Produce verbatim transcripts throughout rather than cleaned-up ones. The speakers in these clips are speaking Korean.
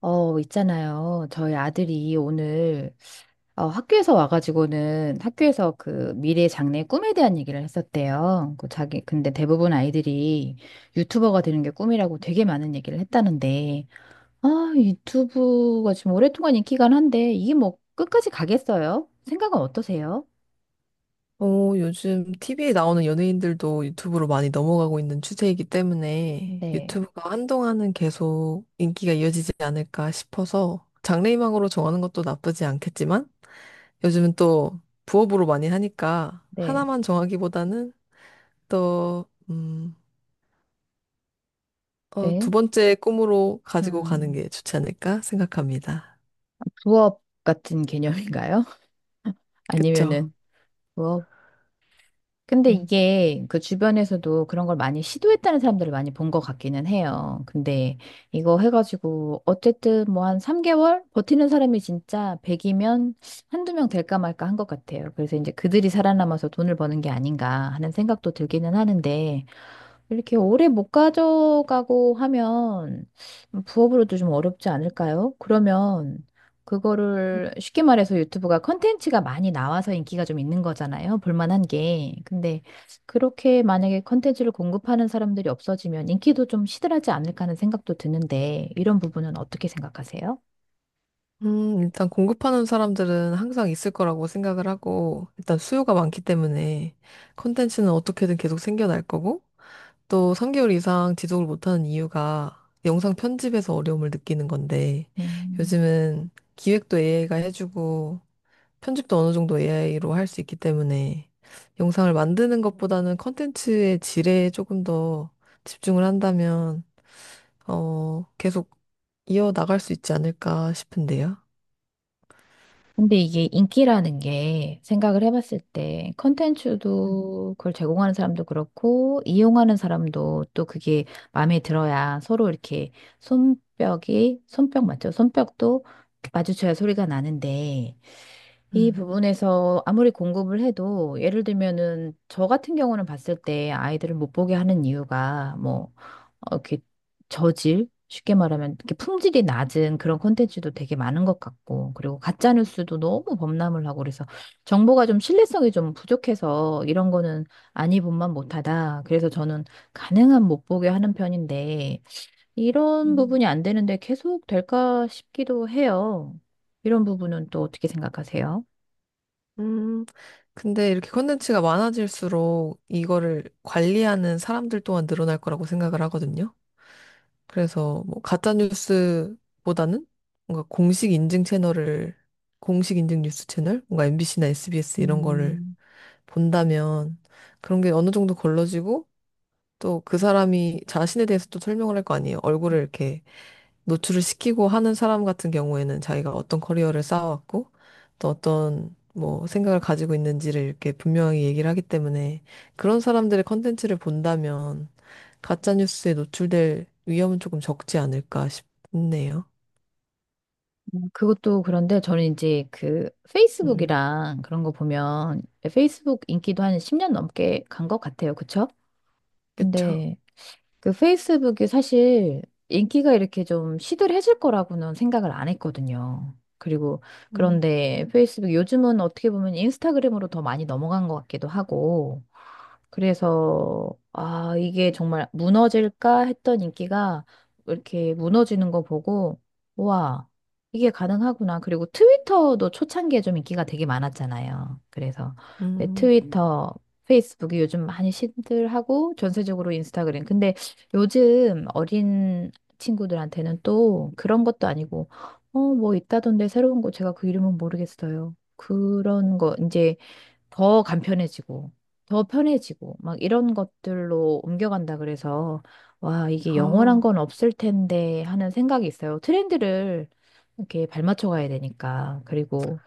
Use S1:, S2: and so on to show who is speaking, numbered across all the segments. S1: 어, 있잖아요. 저희 아들이 오늘 어, 학교에서 와가지고는 학교에서 그 미래 장래 꿈에 대한 얘기를 했었대요. 그 자기 근데 대부분 아이들이 유튜버가 되는 게 꿈이라고 되게 많은 얘기를 했다는데 아, 유튜브가 지금 오랫동안 인기가 한데 이게 뭐 끝까지 가겠어요? 생각은 어떠세요?
S2: 어, 요즘 티비에 나오는 연예인들도 유튜브로 많이 넘어가고 있는 추세이기 때문에
S1: 네,
S2: 유튜브가 한동안은 계속 인기가 이어지지 않을까 싶어서 장래희망으로 정하는 것도 나쁘지 않겠지만 요즘은 또 부업으로 많이 하니까
S1: 네,
S2: 하나만 정하기보다는 또, 음, 어, 두
S1: 네.
S2: 번째 꿈으로 가지고 가는
S1: 음,
S2: 게 좋지 않을까 생각합니다.
S1: 부업 같은 개념인가요?
S2: 그쵸?
S1: 아니면은. 근데
S2: 음.
S1: 이게 그 주변에서도 그런 걸 많이 시도했다는 사람들을 많이 본 것 같기는 해요. 근데 이거 해가지고 어쨌든 뭐 한 삼 개월 버티는 사람이 진짜 백이면 한두 명 될까 말까 한 것 같아요. 그래서 이제 그들이 살아남아서 돈을 버는 게 아닌가 하는 생각도 들기는 하는데, 이렇게 오래 못 가져가고 하면 부업으로도 좀 어렵지 않을까요? 그러면 그거를 쉽게 말해서 유튜브가 컨텐츠가 많이 나와서 인기가 좀 있는 거잖아요. 볼만한 게. 근데 그렇게 만약에 컨텐츠를 공급하는 사람들이 없어지면 인기도 좀 시들하지 않을까 하는 생각도 드는데, 이런 부분은 어떻게 생각하세요?
S2: 음, 일단 공급하는 사람들은 항상 있을 거라고 생각을 하고, 일단 수요가 많기 때문에 컨텐츠는 어떻게든 계속 생겨날 거고, 또 삼 개월 이상 지속을 못하는 이유가 영상 편집에서 어려움을 느끼는 건데,
S1: 음.
S2: 요즘은 기획도 에이아이가 해주고, 편집도 어느 정도 에이아이로 할 수 있기 때문에 영상을 만드는 것보다는 컨텐츠의 질에 조금 더 집중을 한다면, 어, 계속 이어나갈 수 있지 않을까 싶은데요.
S1: 근데 이게 인기라는 게 생각을 해봤을 때 컨텐츠도 그걸 제공하는 사람도 그렇고 이용하는 사람도 또 그게 마음에 들어야 서로 이렇게 손뼉이 손뼉 맞죠? 손뼉도 마주쳐야 소리가 나는데, 이
S2: 음.
S1: 부분에서 아무리 공급을 해도, 예를 들면은 저 같은 경우는 봤을 때 아이들을 못 보게 하는 이유가 뭐 어, 이렇게 저질, 쉽게 말하면 이렇게 품질이 낮은 그런 콘텐츠도 되게 많은 것 같고, 그리고 가짜 뉴스도 너무 범람을 하고 그래서 정보가 좀 신뢰성이 좀 부족해서, 이런 거는 아니 본만 못하다. 그래서 저는 가능한 못 보게 하는 편인데, 이런
S2: 음.
S1: 부분이 안 되는데 계속 될까 싶기도 해요. 이런 부분은 또 어떻게 생각하세요?
S2: 음, 근데 이렇게 콘텐츠가 많아질수록 이거를 관리하는 사람들 또한 늘어날 거라고 생각을 하거든요. 그래서 뭐 가짜 뉴스보다는 뭔가 공식 인증 채널을 공식 인증 뉴스 채널, 뭔가 엠비씨나 에스비에스 이런 거를
S1: 음.
S2: 본다면 그런 게 어느 정도 걸러지고 또 그 사람이 자신에 대해서 또 설명을 할 거 아니에요. 얼굴을 이렇게 노출을 시키고 하는 사람 같은 경우에는 자기가 어떤 커리어를 쌓아왔고 또 어떤 뭐 생각을 가지고 있는지를 이렇게 분명히 얘기를 하기 때문에 그런 사람들의 컨텐츠를 본다면 가짜 뉴스에 노출될 위험은 조금 적지 않을까 싶네요.
S1: 그것도 그런데, 저는 이제 그
S2: 음,
S1: 페이스북이랑 그런 거 보면 페이스북 인기도 한 십 년 넘게 간 것 같아요. 그쵸?
S2: 그쵸.
S1: 근데 그 페이스북이 사실 인기가 이렇게 좀 시들해질 거라고는 생각을 안 했거든요. 그리고
S2: 음,
S1: 그런데 페이스북 요즘은 어떻게 보면 인스타그램으로 더 많이 넘어간 것 같기도 하고, 그래서 아 이게 정말 무너질까 했던 인기가 이렇게 무너지는 거 보고 와 이게 가능하구나. 그리고 트위터도 초창기에 좀 인기가 되게 많았잖아요. 그래서 네,
S2: 음,
S1: 트위터, 페이스북이 요즘 많이 시들하고 전세적으로 인스타그램. 근데 요즘 어린 친구들한테는 또 그런 것도 아니고, 어, 뭐 있다던데 새로운 거 제가 그 이름은 모르겠어요. 그런 거 이제 더 간편해지고, 더 편해지고, 막 이런 것들로 옮겨간다 그래서, 와, 이게 영원한
S2: 아,
S1: 건 없을 텐데 하는 생각이 있어요. 트렌드를 이렇게 발맞춰 가야 되니까. 그리고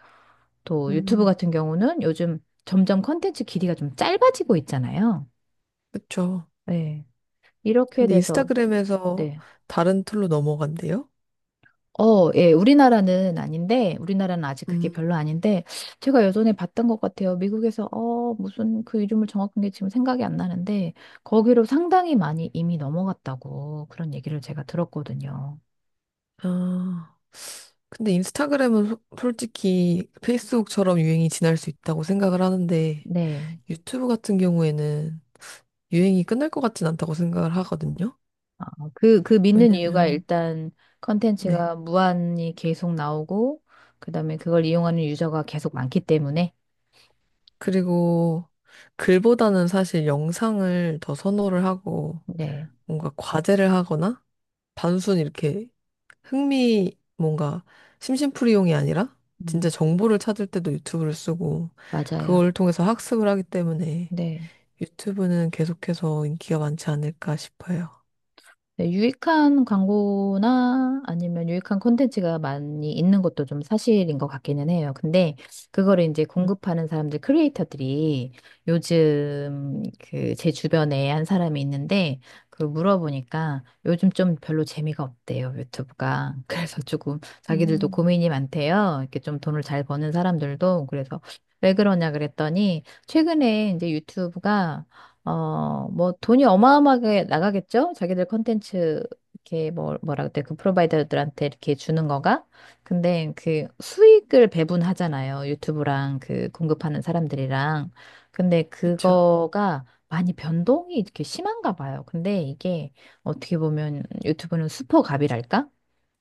S1: 또 유튜브
S2: 음.
S1: 같은 경우는 요즘 점점 컨텐츠 길이가 좀 짧아지고 있잖아요.
S2: 그쵸.
S1: 네. 이렇게
S2: 근데
S1: 돼서,
S2: 인스타그램에서
S1: 네.
S2: 다른 툴로 넘어간대요?
S1: 어, 예, 우리나라는 아닌데, 우리나라는 아직 그게
S2: 음.
S1: 별로 아닌데, 제가 예전에 봤던 것 같아요. 미국에서, 어, 무슨 그 이름을 정확한 게 지금 생각이 안 나는데, 거기로 상당히 많이 이미 넘어갔다고 그런 얘기를 제가 들었거든요.
S2: 아, 근데 인스타그램은 소- 솔직히 페이스북처럼 유행이 지날 수 있다고 생각을 하는데
S1: 네.
S2: 유튜브 같은 경우에는 유행이 끝날 것 같진 않다고 생각을 하거든요.
S1: 아, 그, 그 믿는 이유가
S2: 왜냐면,
S1: 일단
S2: 네.
S1: 컨텐츠가 무한히 계속 나오고, 그 다음에 그걸 이용하는 유저가 계속 많기 때문에.
S2: 그리고 글보다는 사실 영상을 더 선호를 하고
S1: 네.
S2: 뭔가 과제를 하거나 단순 이렇게 흥미 뭔가 심심풀이용이 아니라 진짜
S1: 음,
S2: 정보를 찾을 때도 유튜브를 쓰고
S1: 맞아요.
S2: 그걸 통해서 학습을 하기 때문에
S1: 네.
S2: 유튜브는 계속해서 인기가 많지 않을까 싶어요.
S1: 네, 유익한 광고나 아니면 유익한 콘텐츠가 많이 있는 것도 좀 사실인 것 같기는 해요. 근데 그거를 이제
S2: 음,
S1: 공급하는 사람들, 크리에이터들이 요즘, 그 제 주변에 한 사람이 있는데 그 물어보니까 요즘 좀 별로 재미가 없대요, 유튜브가. 그래서 조금 자기들도
S2: 음,
S1: 고민이 많대요. 이렇게 좀 돈을 잘 버는 사람들도. 그래서 왜 그러냐 그랬더니 최근에 이제 유튜브가 어, 뭐 돈이 어마어마하게 나가겠죠? 자기들 컨텐츠 이렇게 뭐 뭐라 그때 그 프로바이더들한테 이렇게 주는 거가. 근데 그 수익을 배분하잖아요. 유튜브랑 그 공급하는 사람들이랑. 근데
S2: 그쵸.
S1: 그거가 많이 변동이 이렇게 심한가 봐요. 근데 이게 어떻게 보면 유튜브는 수퍼갑이랄까?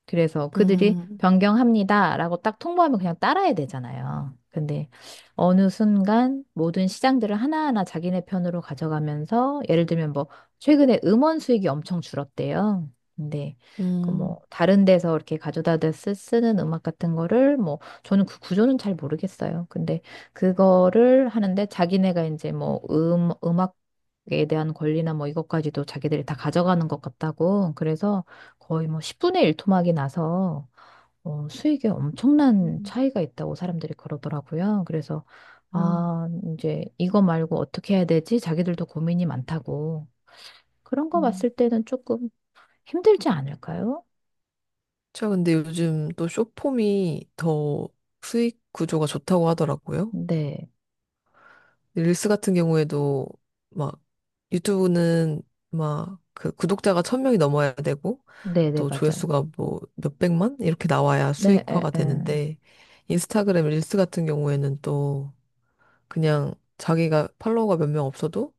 S1: 그래서 그들이
S2: 음,
S1: 변경합니다라고 딱 통보하면 그냥 따라야 되잖아요. 근데 어느 순간 모든 시장들을 하나하나 자기네 편으로 가져가면서, 예를 들면 뭐 최근에 음원 수익이 엄청 줄었대요. 근데 그
S2: 음.
S1: 뭐 다른 데서 이렇게 가져다 대 쓰, 쓰는 음악 같은 거를, 뭐 저는 그 구조는 잘 모르겠어요. 근데 그거를 하는데 자기네가 이제 뭐 음, 음악에 대한 권리나 뭐 이것까지도 자기들이 다 가져가는 것 같다고, 그래서 거의 뭐 십 분의 일 토막이 나서 어, 수익에 엄청난
S2: 음,
S1: 차이가 있다고 사람들이 그러더라고요. 그래서
S2: 음,
S1: 아, 이제 이거 말고 어떻게 해야 되지? 자기들도 고민이 많다고. 그런 거 봤을
S2: 음.
S1: 때는 조금 힘들지 않을까요?
S2: 저 근데 요즘 또 숏폼이 더 수익 구조가 좋다고 하더라고요.
S1: 네.
S2: 릴스 같은 경우에도 막 유튜브는 막 그 구독자가 천 명이 넘어야 되고
S1: 네, 네,
S2: 또
S1: 맞아요.
S2: 조회수가 뭐 몇백만 이렇게 나와야
S1: 네, 에,
S2: 수익화가
S1: 에.
S2: 되는데 인스타그램 릴스 같은 경우에는 또 그냥 자기가 팔로워가 몇 명 없어도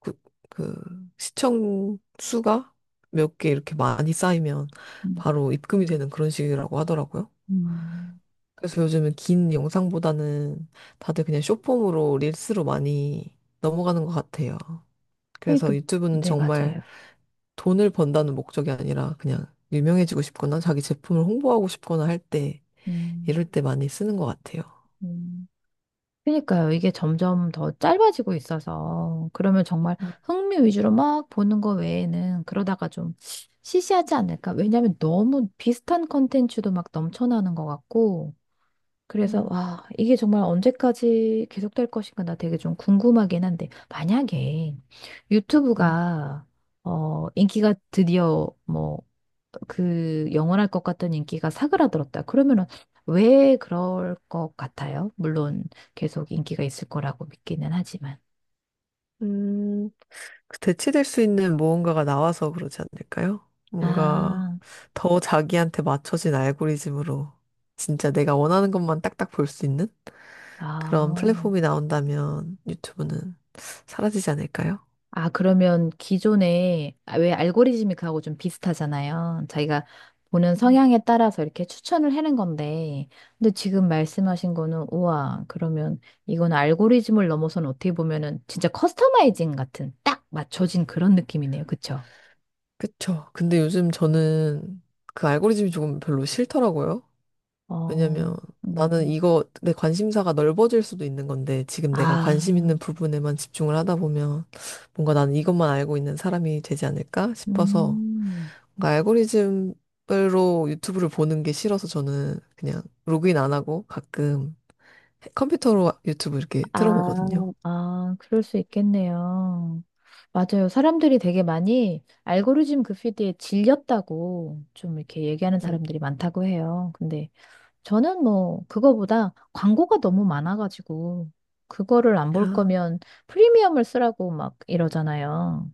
S2: 그, 그 시청 수가 몇 개 이렇게 많이 쌓이면
S1: 음.
S2: 바로 입금이 되는 그런 식이라고 하더라고요.
S1: 음.
S2: 그래서 요즘은 긴 영상보다는 다들 그냥 숏폼으로 릴스로 많이 넘어가는 것 같아요.
S1: 그러니까
S2: 그래서 유튜브는
S1: 네,
S2: 정말
S1: 맞아요.
S2: 돈을 번다는 목적이 아니라 그냥 유명해지고 싶거나 자기 제품을 홍보하고 싶거나 할 때,
S1: 음.
S2: 이럴 때 많이 쓰는 것 같아요.
S1: 음. 그러니까요. 이게 점점 더 짧아지고 있어서, 그러면 정말 흥미 위주로 막 보는 거 외에는 그러다가 좀 시시하지 않을까? 왜냐하면 너무 비슷한 컨텐츠도 막 넘쳐나는 것 같고, 그래서
S2: 음.
S1: 와, 이게 정말 언제까지 계속될 것인가 나 되게 좀 궁금하긴 한데, 만약에
S2: 음.
S1: 유튜브가 어, 인기가 드디어 뭐 그 영원할 것 같던 인기가 사그라들었다. 그러면은 왜 그럴 것 같아요? 물론 계속 인기가 있을 거라고 믿기는 하지만.
S2: 음. 대체될 수 있는 무언가가 나와서 그러지 않을까요? 뭔가
S1: 아,
S2: 더 자기한테 맞춰진 알고리즘으로 진짜 내가 원하는 것만 딱딱 볼 수 있는 그런
S1: 아.
S2: 플랫폼이 나온다면 유튜브는 사라지지 않을까요?
S1: 아, 그러면 기존에 아, 왜 알고리즘이 그하고 좀 비슷하잖아요. 자기가 보는 성향에 따라서 이렇게 추천을 해는 건데, 근데 지금 말씀하신 거는 우와, 그러면 이건 알고리즘을 넘어서는 어떻게 보면은 진짜 커스터마이징 같은 딱 맞춰진 그런 느낌이네요. 그쵸?
S2: 그쵸. 근데 요즘 저는 그 알고리즘이 조금 별로 싫더라고요. 왜냐면
S1: 어,
S2: 나는
S1: 음,
S2: 이거 내 관심사가 넓어질 수도 있는 건데 지금 내가 관심 있는
S1: 아,
S2: 부분에만 집중을 하다 보면 뭔가 나는 이것만 알고 있는 사람이 되지 않을까 싶어서
S1: 음.
S2: 뭔가 알고리즘으로 유튜브를 보는 게 싫어서 저는 그냥 로그인 안 하고 가끔 컴퓨터로 유튜브 이렇게
S1: 아,
S2: 틀어보거든요.
S1: 아, 그럴 수 있겠네요. 맞아요. 사람들이 되게 많이 알고리즘 그 피드에 질렸다고 좀 이렇게 얘기하는
S2: 음.
S1: 사람들이 많다고 해요. 근데 저는 뭐 그거보다 광고가 너무 많아가지고, 그거를 안 볼
S2: 아,
S1: 거면 프리미엄을 쓰라고 막 이러잖아요.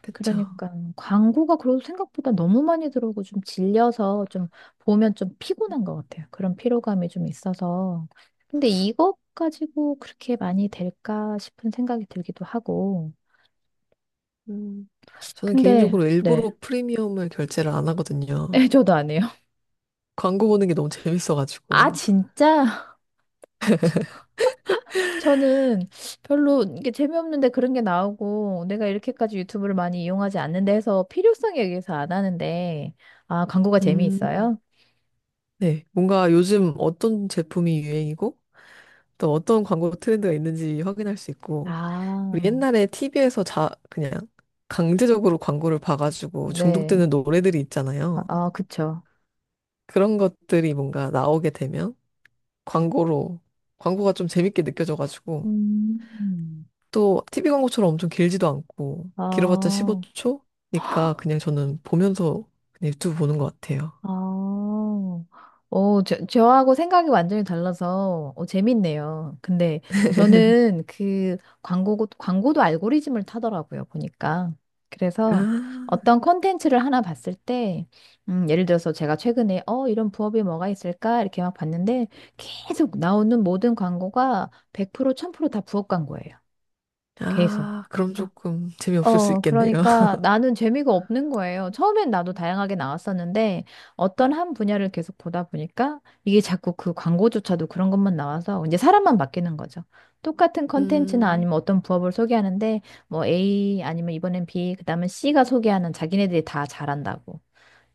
S2: 그쵸.
S1: 그러니까 광고가 그래도 생각보다 너무 많이 들어오고 좀 질려서, 좀 보면 좀 피곤한 것 같아요. 그런 피로감이 좀 있어서. 근데 이것 가지고 그렇게 많이 될까 싶은 생각이 들기도 하고.
S2: 음. 저는
S1: 근데
S2: 개인적으로
S1: 네.
S2: 일부러 프리미엄을 결제를 안 하거든요.
S1: 네, 저도 안 해요.
S2: 광고 보는 게 너무
S1: 아,
S2: 재밌어가지고.
S1: 진짜? 저는 별로 이게 재미없는데 그런 게 나오고, 내가 이렇게까지 유튜브를 많이 이용하지 않는데 해서 필요성에 의해서 안 하는데, 아, 광고가
S2: 음.
S1: 재미있어요?
S2: 네, 뭔가 요즘 어떤 제품이 유행이고 또 어떤 광고 트렌드가 있는지 확인할 수 있고 우리
S1: 아,
S2: 옛날에 티비에서 자 그냥 강제적으로 광고를 봐가지고
S1: 네.
S2: 중독되는 노래들이
S1: 아,
S2: 있잖아요.
S1: 아, 그쵸.
S2: 그런 것들이 뭔가 나오게 되면 광고로 광고가 좀 재밌게 느껴져가지고
S1: 음.
S2: 또 티비 광고처럼 엄청 길지도 않고 길어봤자
S1: 아,
S2: 십오 초니까 그냥 저는 보면서 그냥 유튜브 보는 것 같아요.
S1: 아. 오, 저, 저하고 생각이 완전히 달라서 어, 재밌네요. 근데 저는 그 광고, 광고도 알고리즘을 타더라고요, 보니까. 그래서
S2: 아,
S1: 어떤 콘텐츠를 하나 봤을 때, 음, 예를 들어서 제가 최근에, 어, 이런 부업이 뭐가 있을까? 이렇게 막 봤는데, 계속 나오는 모든 광고가 백 프로, 천 프로다 부업 광고예요. 계속.
S2: 아, 그럼
S1: 그러니까
S2: 조금 재미없을 수
S1: 어,
S2: 있겠네요.
S1: 그러니까 나는 재미가 없는 거예요. 처음엔 나도 다양하게 나왔었는데 어떤 한 분야를 계속 보다 보니까 이게 자꾸 그 광고조차도 그런 것만 나와서, 이제 사람만 바뀌는 거죠. 똑같은 컨텐츠나
S2: 음.
S1: 아니면 어떤 부업을 소개하는데 뭐 A 아니면 이번엔 B, 그다음에 C가 소개하는, 자기네들이 다 잘한다고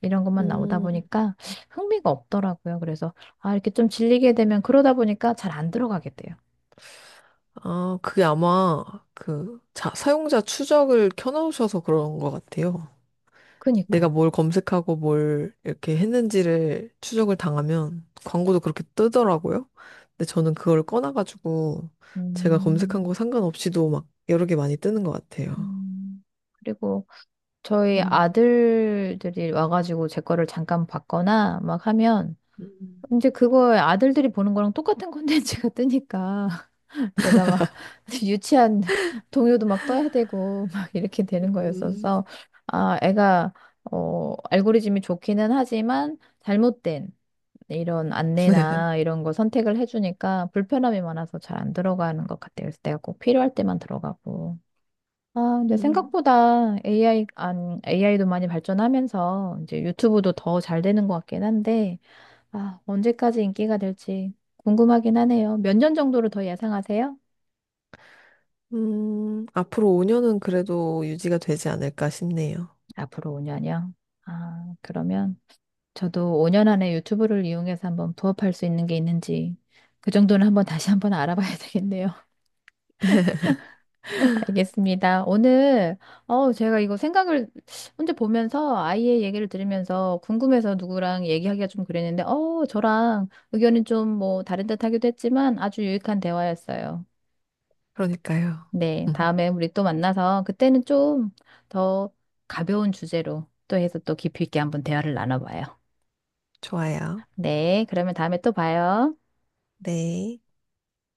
S1: 이런 것만 나오다
S2: 음,
S1: 보니까 흥미가 없더라고요. 그래서 아, 이렇게 좀 질리게 되면 그러다 보니까 잘 안 들어가게 돼요.
S2: 아, 그게 아마 그 자, 사용자 추적을 켜놓으셔서 그런 것 같아요. 내가
S1: 그니까요.
S2: 뭘 검색하고 뭘 이렇게 했는지를 추적을 당하면 광고도 그렇게 뜨더라고요. 근데 저는 그걸 꺼놔가지고 제가 검색한
S1: 음,
S2: 거 상관없이도 막 여러 개 많이 뜨는 것 같아요.
S1: 음. 그리고 저희
S2: 음,
S1: 아들들이 와가지고 제 거를 잠깐 봤거나 막 하면,
S2: 음.
S1: 이제 그거 아들들이 보는 거랑 똑같은 콘텐츠가 뜨니까 내가 막 유치한 동요도 막 떠야 되고 막 이렇게 되는
S2: 음,
S1: 거였어서, 아 애가 어 알고리즘이 좋기는 하지만 잘못된 이런
S2: 네.
S1: 안내나 이런 거 선택을 해주니까 불편함이 많아서 잘 안 들어가는 것 같아요. 그래서 내가 꼭 필요할 때만 들어가고. 아, 근데
S2: 음,
S1: 생각보다 에이아이, 안, 에이아이도 많이 발전하면서 이제 유튜브도 더 잘 되는 것 같긴 한데, 아, 언제까지 인기가 될지 궁금하긴 하네요. 몇 년 정도로 더 예상하세요?
S2: 음, 앞으로 오 년은 그래도 유지가 되지 않을까 싶네요.
S1: 앞으로 오 년이요. 아, 그러면 저도 오 년 안에 유튜브를 이용해서 한번 부업할 수 있는 게 있는지 그 정도는 한번 다시 한번 알아봐야 되겠네요. 알겠습니다. 오늘, 어, 제가 이거 생각을 혼자 보면서 아이의 얘기를 들으면서 궁금해서 누구랑 얘기하기가 좀 그랬는데, 어, 저랑 의견이 좀 뭐 다른 듯 하기도 했지만 아주 유익한 대화였어요.
S2: 그러니까요.
S1: 네, 다음에 우리 또 만나서 그때는 좀 더 가벼운 주제로 또 해서 또 깊이 있게 한번 대화를 나눠봐요.
S2: 좋아요.
S1: 네, 그러면 다음에 또 봐요.
S2: 네.